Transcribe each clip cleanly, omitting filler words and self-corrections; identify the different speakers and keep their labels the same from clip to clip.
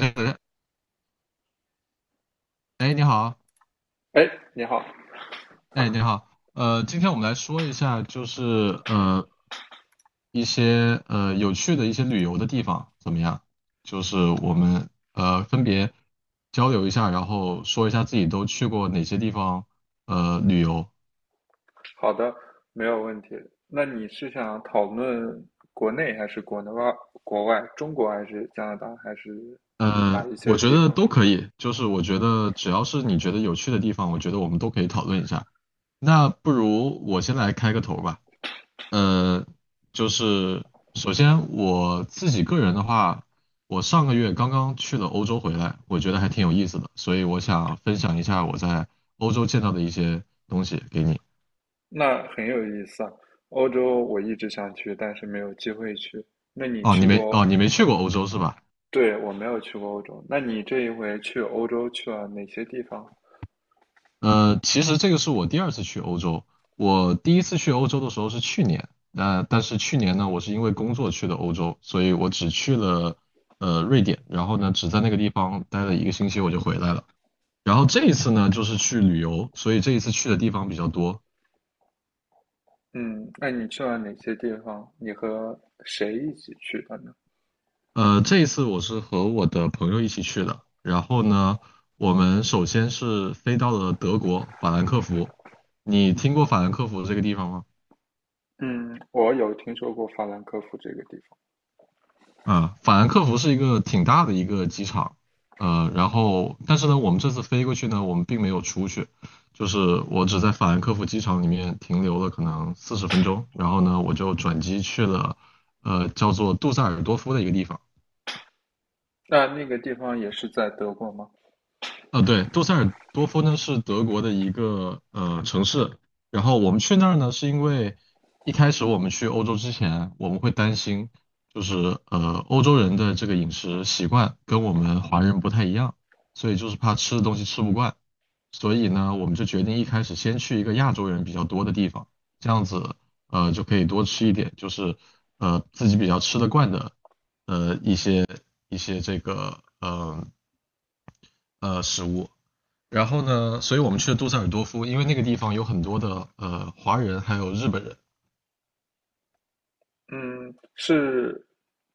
Speaker 1: 哎，哎你好，
Speaker 2: 哎，你好。
Speaker 1: 哎，你好，今天我们来说一下，就是一些有趣的一些旅游的地方怎么样？就是我们分别交流一下，然后说一下自己都去过哪些地方旅游。
Speaker 2: 好的，没有问题。那你是想讨论国内还是国内外、国外、中国还是加拿大还是哪一
Speaker 1: 我
Speaker 2: 些
Speaker 1: 觉
Speaker 2: 地
Speaker 1: 得
Speaker 2: 方？
Speaker 1: 都可以，就是我觉得只要是你觉得有趣的地方，我觉得我们都可以讨论一下。那不如我先来开个头吧。嗯，就是首先我自己个人的话，我上个月刚刚去了欧洲回来，我觉得还挺有意思的，所以我想分享一下我在欧洲见到的一些东西给你。
Speaker 2: 那很有意思啊。欧洲我一直想去，但是没有机会去。那你
Speaker 1: 哦，
Speaker 2: 去过？
Speaker 1: 你没去过
Speaker 2: 我，
Speaker 1: 欧洲是吧？
Speaker 2: 对，我没有去过欧洲。那你这一回去欧洲去了哪些地方？
Speaker 1: 其实这个是我第二次去欧洲，我第一次去欧洲的时候是去年，但是去年呢，我是因为工作去的欧洲，所以我只去了瑞典，然后呢，只在那个地方待了一个星期我就回来了。然后这一次呢，就是去旅游，所以这一次去的地方比较多。
Speaker 2: 嗯，那你去了哪些地方？你和谁一起去的呢？
Speaker 1: 这一次我是和我的朋友一起去的。然后呢，我们首先是飞到了德国法兰克福。你听过法兰克福这个地方吗？
Speaker 2: 嗯，我有听说过法兰克福这个地方。
Speaker 1: 啊，法兰克福是一个挺大的一个机场。然后但是呢，我们这次飞过去呢，我们并没有出去，就是我只在法兰克福机场里面停留了可能40分钟。然后呢，我就转机去了，叫做杜塞尔多夫的一个地方。
Speaker 2: 那那个地方也是在德国吗？
Speaker 1: 啊，对，杜塞尔多夫呢是德国的一个城市，然后我们去那儿呢，是因为一开始我们去欧洲之前，我们会担心，就是欧洲人的这个饮食习惯跟我们华人不太一样，所以就是怕吃的东西吃不惯，所以呢，我们就决定一开始先去一个亚洲人比较多的地方，这样子就可以多吃一点，就是自己比较吃得惯的呃一些一些这个食物。然后呢，所以我们去了杜塞尔多夫，因为那个地方有很多的华人还有日本人。
Speaker 2: 嗯，是。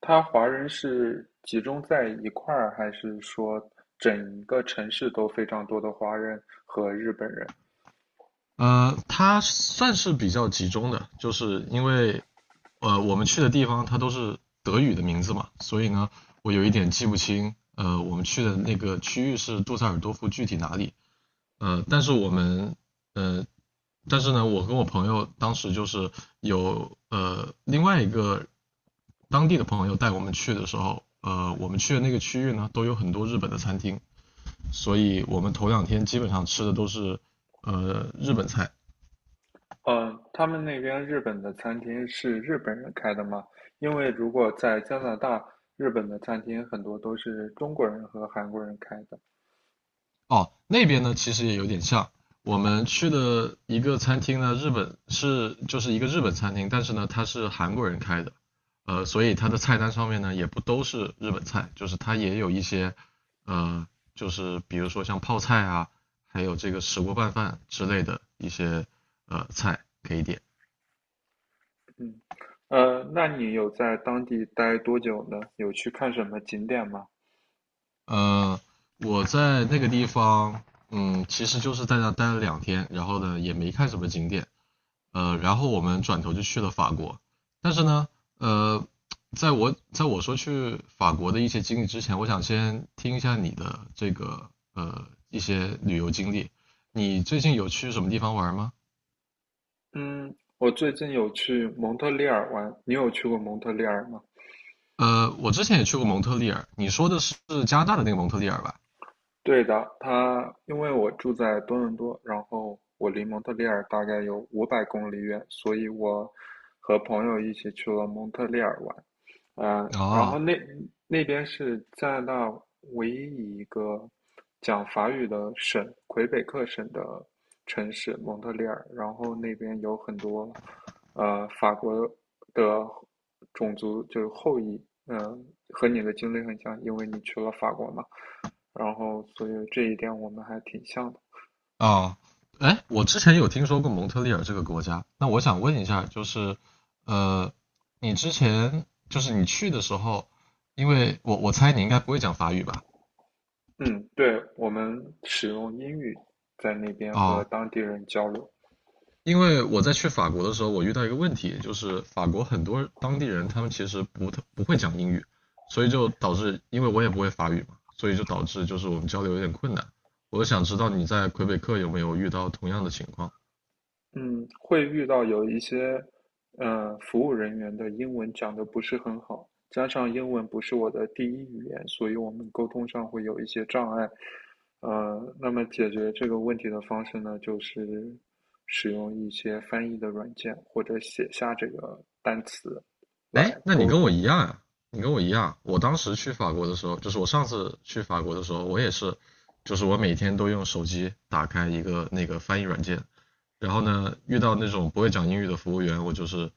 Speaker 2: 他华人是集中在一块儿，还是说整一个城市都非常多的华人和日本人？
Speaker 1: 它算是比较集中的，就是因为我们去的地方它都是德语的名字嘛，所以呢我有一点记不清，我们去的那个区域是杜塞尔多夫具体哪里，呃，但是我们呃但是呢我跟我朋友当时就是有另外一个当地的朋友带我们去的时候，我们去的那个区域呢，都有很多日本的餐厅，所以我们头两天基本上吃的都是日本菜。
Speaker 2: 嗯，他们那边日本的餐厅是日本人开的吗？因为如果在加拿大，日本的餐厅很多都是中国人和韩国人开的。
Speaker 1: 哦，那边呢其实也有点像，我们去的一个餐厅呢，日本是就是一个日本餐厅，但是呢它是韩国人开的。所以它的菜单上面呢也不都是日本菜，就是它也有一些呃，就是比如说像泡菜啊，还有这个石锅拌饭之类的一些菜可以点。
Speaker 2: 嗯，那你有在当地待多久呢？有去看什么景点吗？
Speaker 1: 呃，我在那个地方，嗯，其实就是在那待了两天，然后呢也没看什么景点，然后我们转头就去了法国。但是呢，呃，在我说去法国的一些经历之前，我想先听一下你的这个一些旅游经历。你最近有去什么地方玩吗？
Speaker 2: 嗯，我最近有去蒙特利尔玩，你有去过蒙特利尔吗？
Speaker 1: 我之前也去过蒙特利尔，你说的是加拿大的那个蒙特利尔吧？
Speaker 2: 对的。他因为我住在多伦多，然后我离蒙特利尔大概有500公里远，所以我和朋友一起去了蒙特利尔玩。嗯，然后
Speaker 1: 哦，
Speaker 2: 那那边是加拿大唯一一个讲法语的省，魁北克省的城市蒙特利尔。然后那边有很多法国的种族，就是后裔。嗯，和你的经历很像，因为你去了法国嘛。然后所以这一点我们还挺像的。
Speaker 1: 哦，哎，我之前有听说过蒙特利尔这个国家，那我想问一下，就是，呃，你之前就是你去的时候，因为我猜你应该不会讲法语吧？
Speaker 2: 嗯，对，我们使用英语在那边和
Speaker 1: 哦，
Speaker 2: 当地人交流。
Speaker 1: 因为我在去法国的时候，我遇到一个问题，就是法国很多当地人他们其实不会讲英语，所以就导致，因为我也不会法语嘛，所以就导致就是我们交流有点困难。我就想知道你在魁北克有没有遇到同样的情况？
Speaker 2: 嗯，会遇到有一些，服务人员的英文讲的不是很好，加上英文不是我的第一语言，所以我们沟通上会有一些障碍。那么解决这个问题的方式呢，就是使用一些翻译的软件或者写下这个单词
Speaker 1: 哎，
Speaker 2: 来
Speaker 1: 那你
Speaker 2: 沟
Speaker 1: 跟我
Speaker 2: 通。
Speaker 1: 一样啊，你跟我一样。我当时去法国的时候，就是我上次去法国的时候，我也是，就是我每天都用手机打开一个那个翻译软件，然后呢，遇到那种不会讲英语的服务员，我就是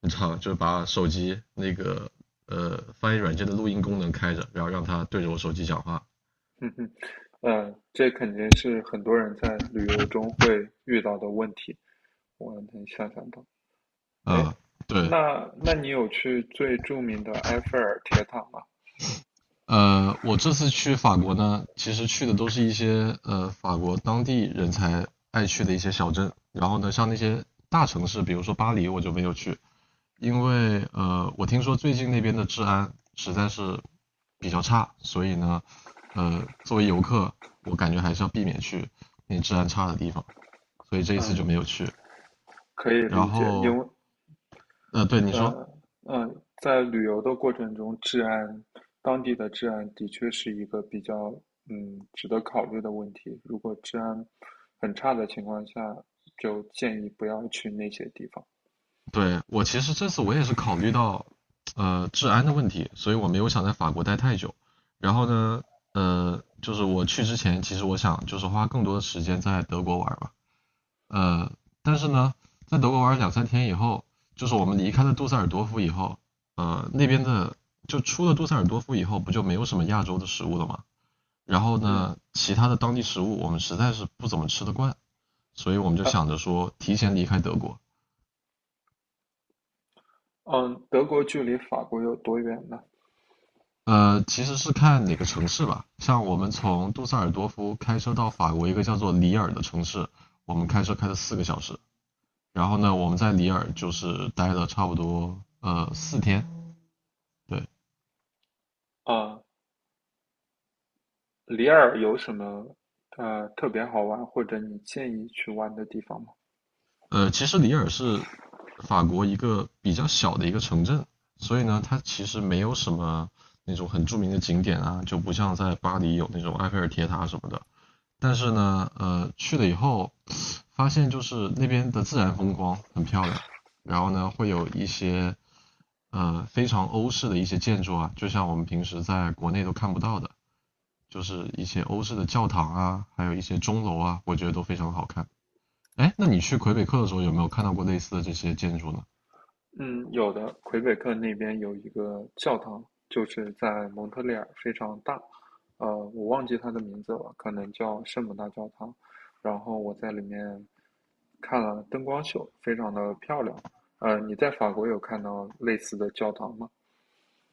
Speaker 1: 你知道，就是把手机那个翻译软件的录音功能开着，然后让他对着我手机讲话。
Speaker 2: 嗯哼。嗯，这肯定是很多人在旅游中会遇到的问题，我能想象到。哎，
Speaker 1: 啊，对，
Speaker 2: 那你有去最著名的埃菲尔铁塔吗？
Speaker 1: 我这次去法国呢，其实去的都是一些法国当地人才爱去的一些小镇。然后呢，像那些大城市，比如说巴黎，我就没有去，因为我听说最近那边的治安实在是比较差，所以呢，作为游客，我感觉还是要避免去那治安差的地方，所以这一次就
Speaker 2: 嗯，
Speaker 1: 没有去。
Speaker 2: 可以
Speaker 1: 然
Speaker 2: 理解。因
Speaker 1: 后，
Speaker 2: 为，
Speaker 1: 对你说。
Speaker 2: 呃，在旅游的过程中，治安，当地的治安的确是一个比较，值得考虑的问题。如果治安很差的情况下，就建议不要去那些地方。
Speaker 1: 对，我其实这次我也是考虑到治安的问题，所以我没有想在法国待太久。然后呢，就是我去之前，其实我想就是花更多的时间在德国玩吧。呃，但是呢，在德国玩两三天以后，就是我们离开了杜塞尔多夫以后，呃，那边的就出了杜塞尔多夫以后，不就没有什么亚洲的食物了吗？然后
Speaker 2: 嗯。
Speaker 1: 呢，其他的当地食物我们实在是不怎么吃得惯，所以我们就
Speaker 2: 啊。
Speaker 1: 想着说提前离开德国。
Speaker 2: 嗯，德国距离法国有多远呢？
Speaker 1: 其实是看哪个城市吧。像我们从杜塞尔多夫开车到法国一个叫做里尔的城市，我们开车开了4个小时。然后呢，我们在里尔就是待了差不多4天。对，
Speaker 2: 啊，里尔有什么特别好玩或者你建议去玩的地方吗？
Speaker 1: 其实里尔是法国一个比较小的一个城镇，所以呢，它其实没有什么那种很著名的景点啊，就不像在巴黎有那种埃菲尔铁塔什么的。但是呢，去了以后，发现就是那边的自然风光很漂亮，然后呢会有一些非常欧式的一些建筑啊，就像我们平时在国内都看不到的，就是一些欧式的教堂啊，还有一些钟楼啊，我觉得都非常好看。哎，那你去魁北克的时候有没有看到过类似的这些建筑呢？
Speaker 2: 嗯，有的，魁北克那边有一个教堂，就是在蒙特利尔，非常大。我忘记它的名字了，可能叫圣母大教堂。然后我在里面看了灯光秀，非常的漂亮。你在法国有看到类似的教堂吗？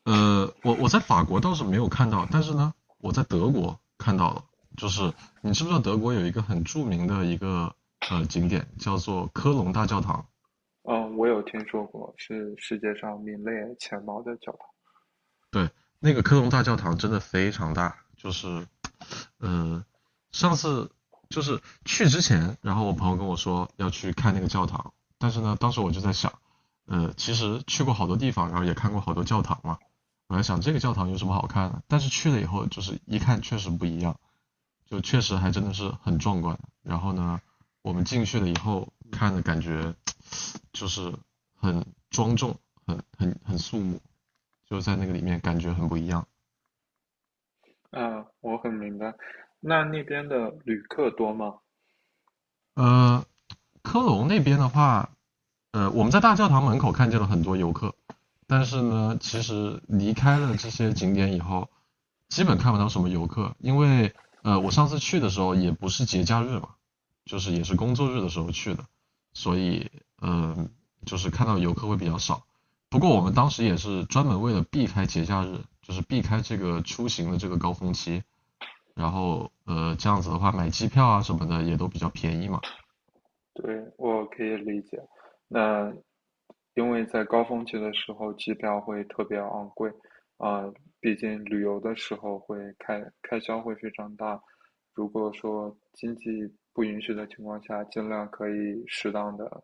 Speaker 1: 我在法国倒是没有看到，但是呢，我在德国看到了。就是你知不知道德国有一个很著名的一个景点叫做科隆大教堂？
Speaker 2: 嗯，我有听说过，是世界上名列前茅的教堂。
Speaker 1: 对，那个科隆大教堂真的非常大，就是呃，上次就是去之前，然后我朋友跟我说要去看那个教堂，但是呢，当时我就在想，其实去过好多地方，然后也看过好多教堂嘛，我在想这个教堂有什么好看的？但是去了以后，就是一看确实不一样，就确实还真的是很壮观。然后呢，我们进去了以后看的感觉就是很庄重，很肃穆，就在那个里面感觉很不一样。
Speaker 2: 啊，我很明白。那那边的旅客多吗？
Speaker 1: 呃，科隆那边的话，我们在大教堂门口看见了很多游客，但是呢，其实离开了这些景点以后，基本看不到什么游客，因为我上次去的时候也不是节假日嘛，就是也是工作日的时候去的，所以嗯、呃，就是看到游客会比较少。不过我们当时也是专门为了避开节假日，就是避开这个出行的这个高峰期，然后这样子的话买机票啊什么的也都比较便宜嘛。
Speaker 2: 对，我可以理解。那因为在高峰期的时候，机票会特别昂贵。啊，毕竟旅游的时候开销会非常大。如果说经济不允许的情况下，尽量可以适当的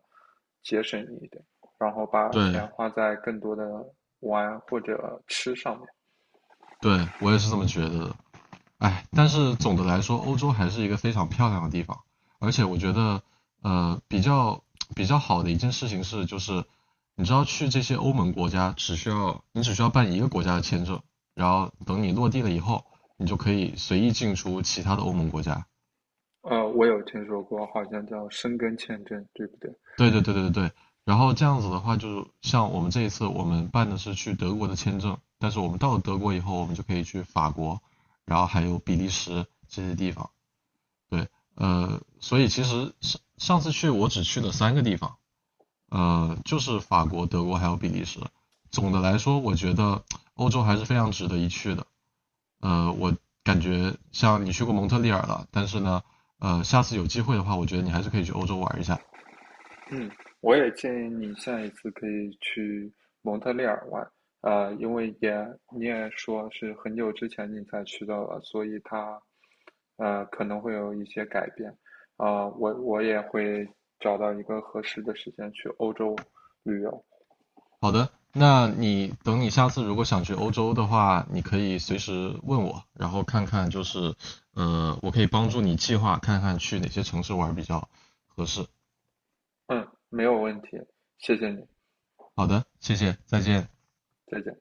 Speaker 2: 节省一点，然后把钱
Speaker 1: 对，
Speaker 2: 花在更多的玩或者吃上面。
Speaker 1: 对我也是这么觉得的。哎，但是总的来说，欧洲还是一个非常漂亮的地方，而且我觉得，呃，比较比较好的一件事情是，就是你知道去这些欧盟国家，只需要你只需要办一个国家的签证，然后等你落地了以后，你就可以随意进出其他的欧盟国家。
Speaker 2: 我有听说过，好像叫申根签证，对不对？
Speaker 1: 对对对对对。然后这样子的话，就是像我们这一次，我们办的是去德国的签证，但是我们到了德国以后，我们就可以去法国，然后还有比利时这些地方。对，所以其实上次去我只去了三个地方，就是法国、德国还有比利时。总的来说，我觉得欧洲还是非常值得一去的。我感觉像你去过蒙特利尔了，但是呢，下次有机会的话，我觉得你还是可以去欧洲玩一下。
Speaker 2: 嗯，我也建议你下一次可以去蒙特利尔玩。啊，因为也你也说是很久之前你才去到了，所以它，可能会有一些改变。啊，我也会找到一个合适的时间去欧洲旅游。
Speaker 1: 好的，那你等你下次如果想去欧洲的话，你可以随时问我，然后看看就是我可以帮助你计划看看去哪些城市玩比较合适。
Speaker 2: 嗯，没有问题，谢谢你，
Speaker 1: 好的，谢谢，再见。
Speaker 2: 再见。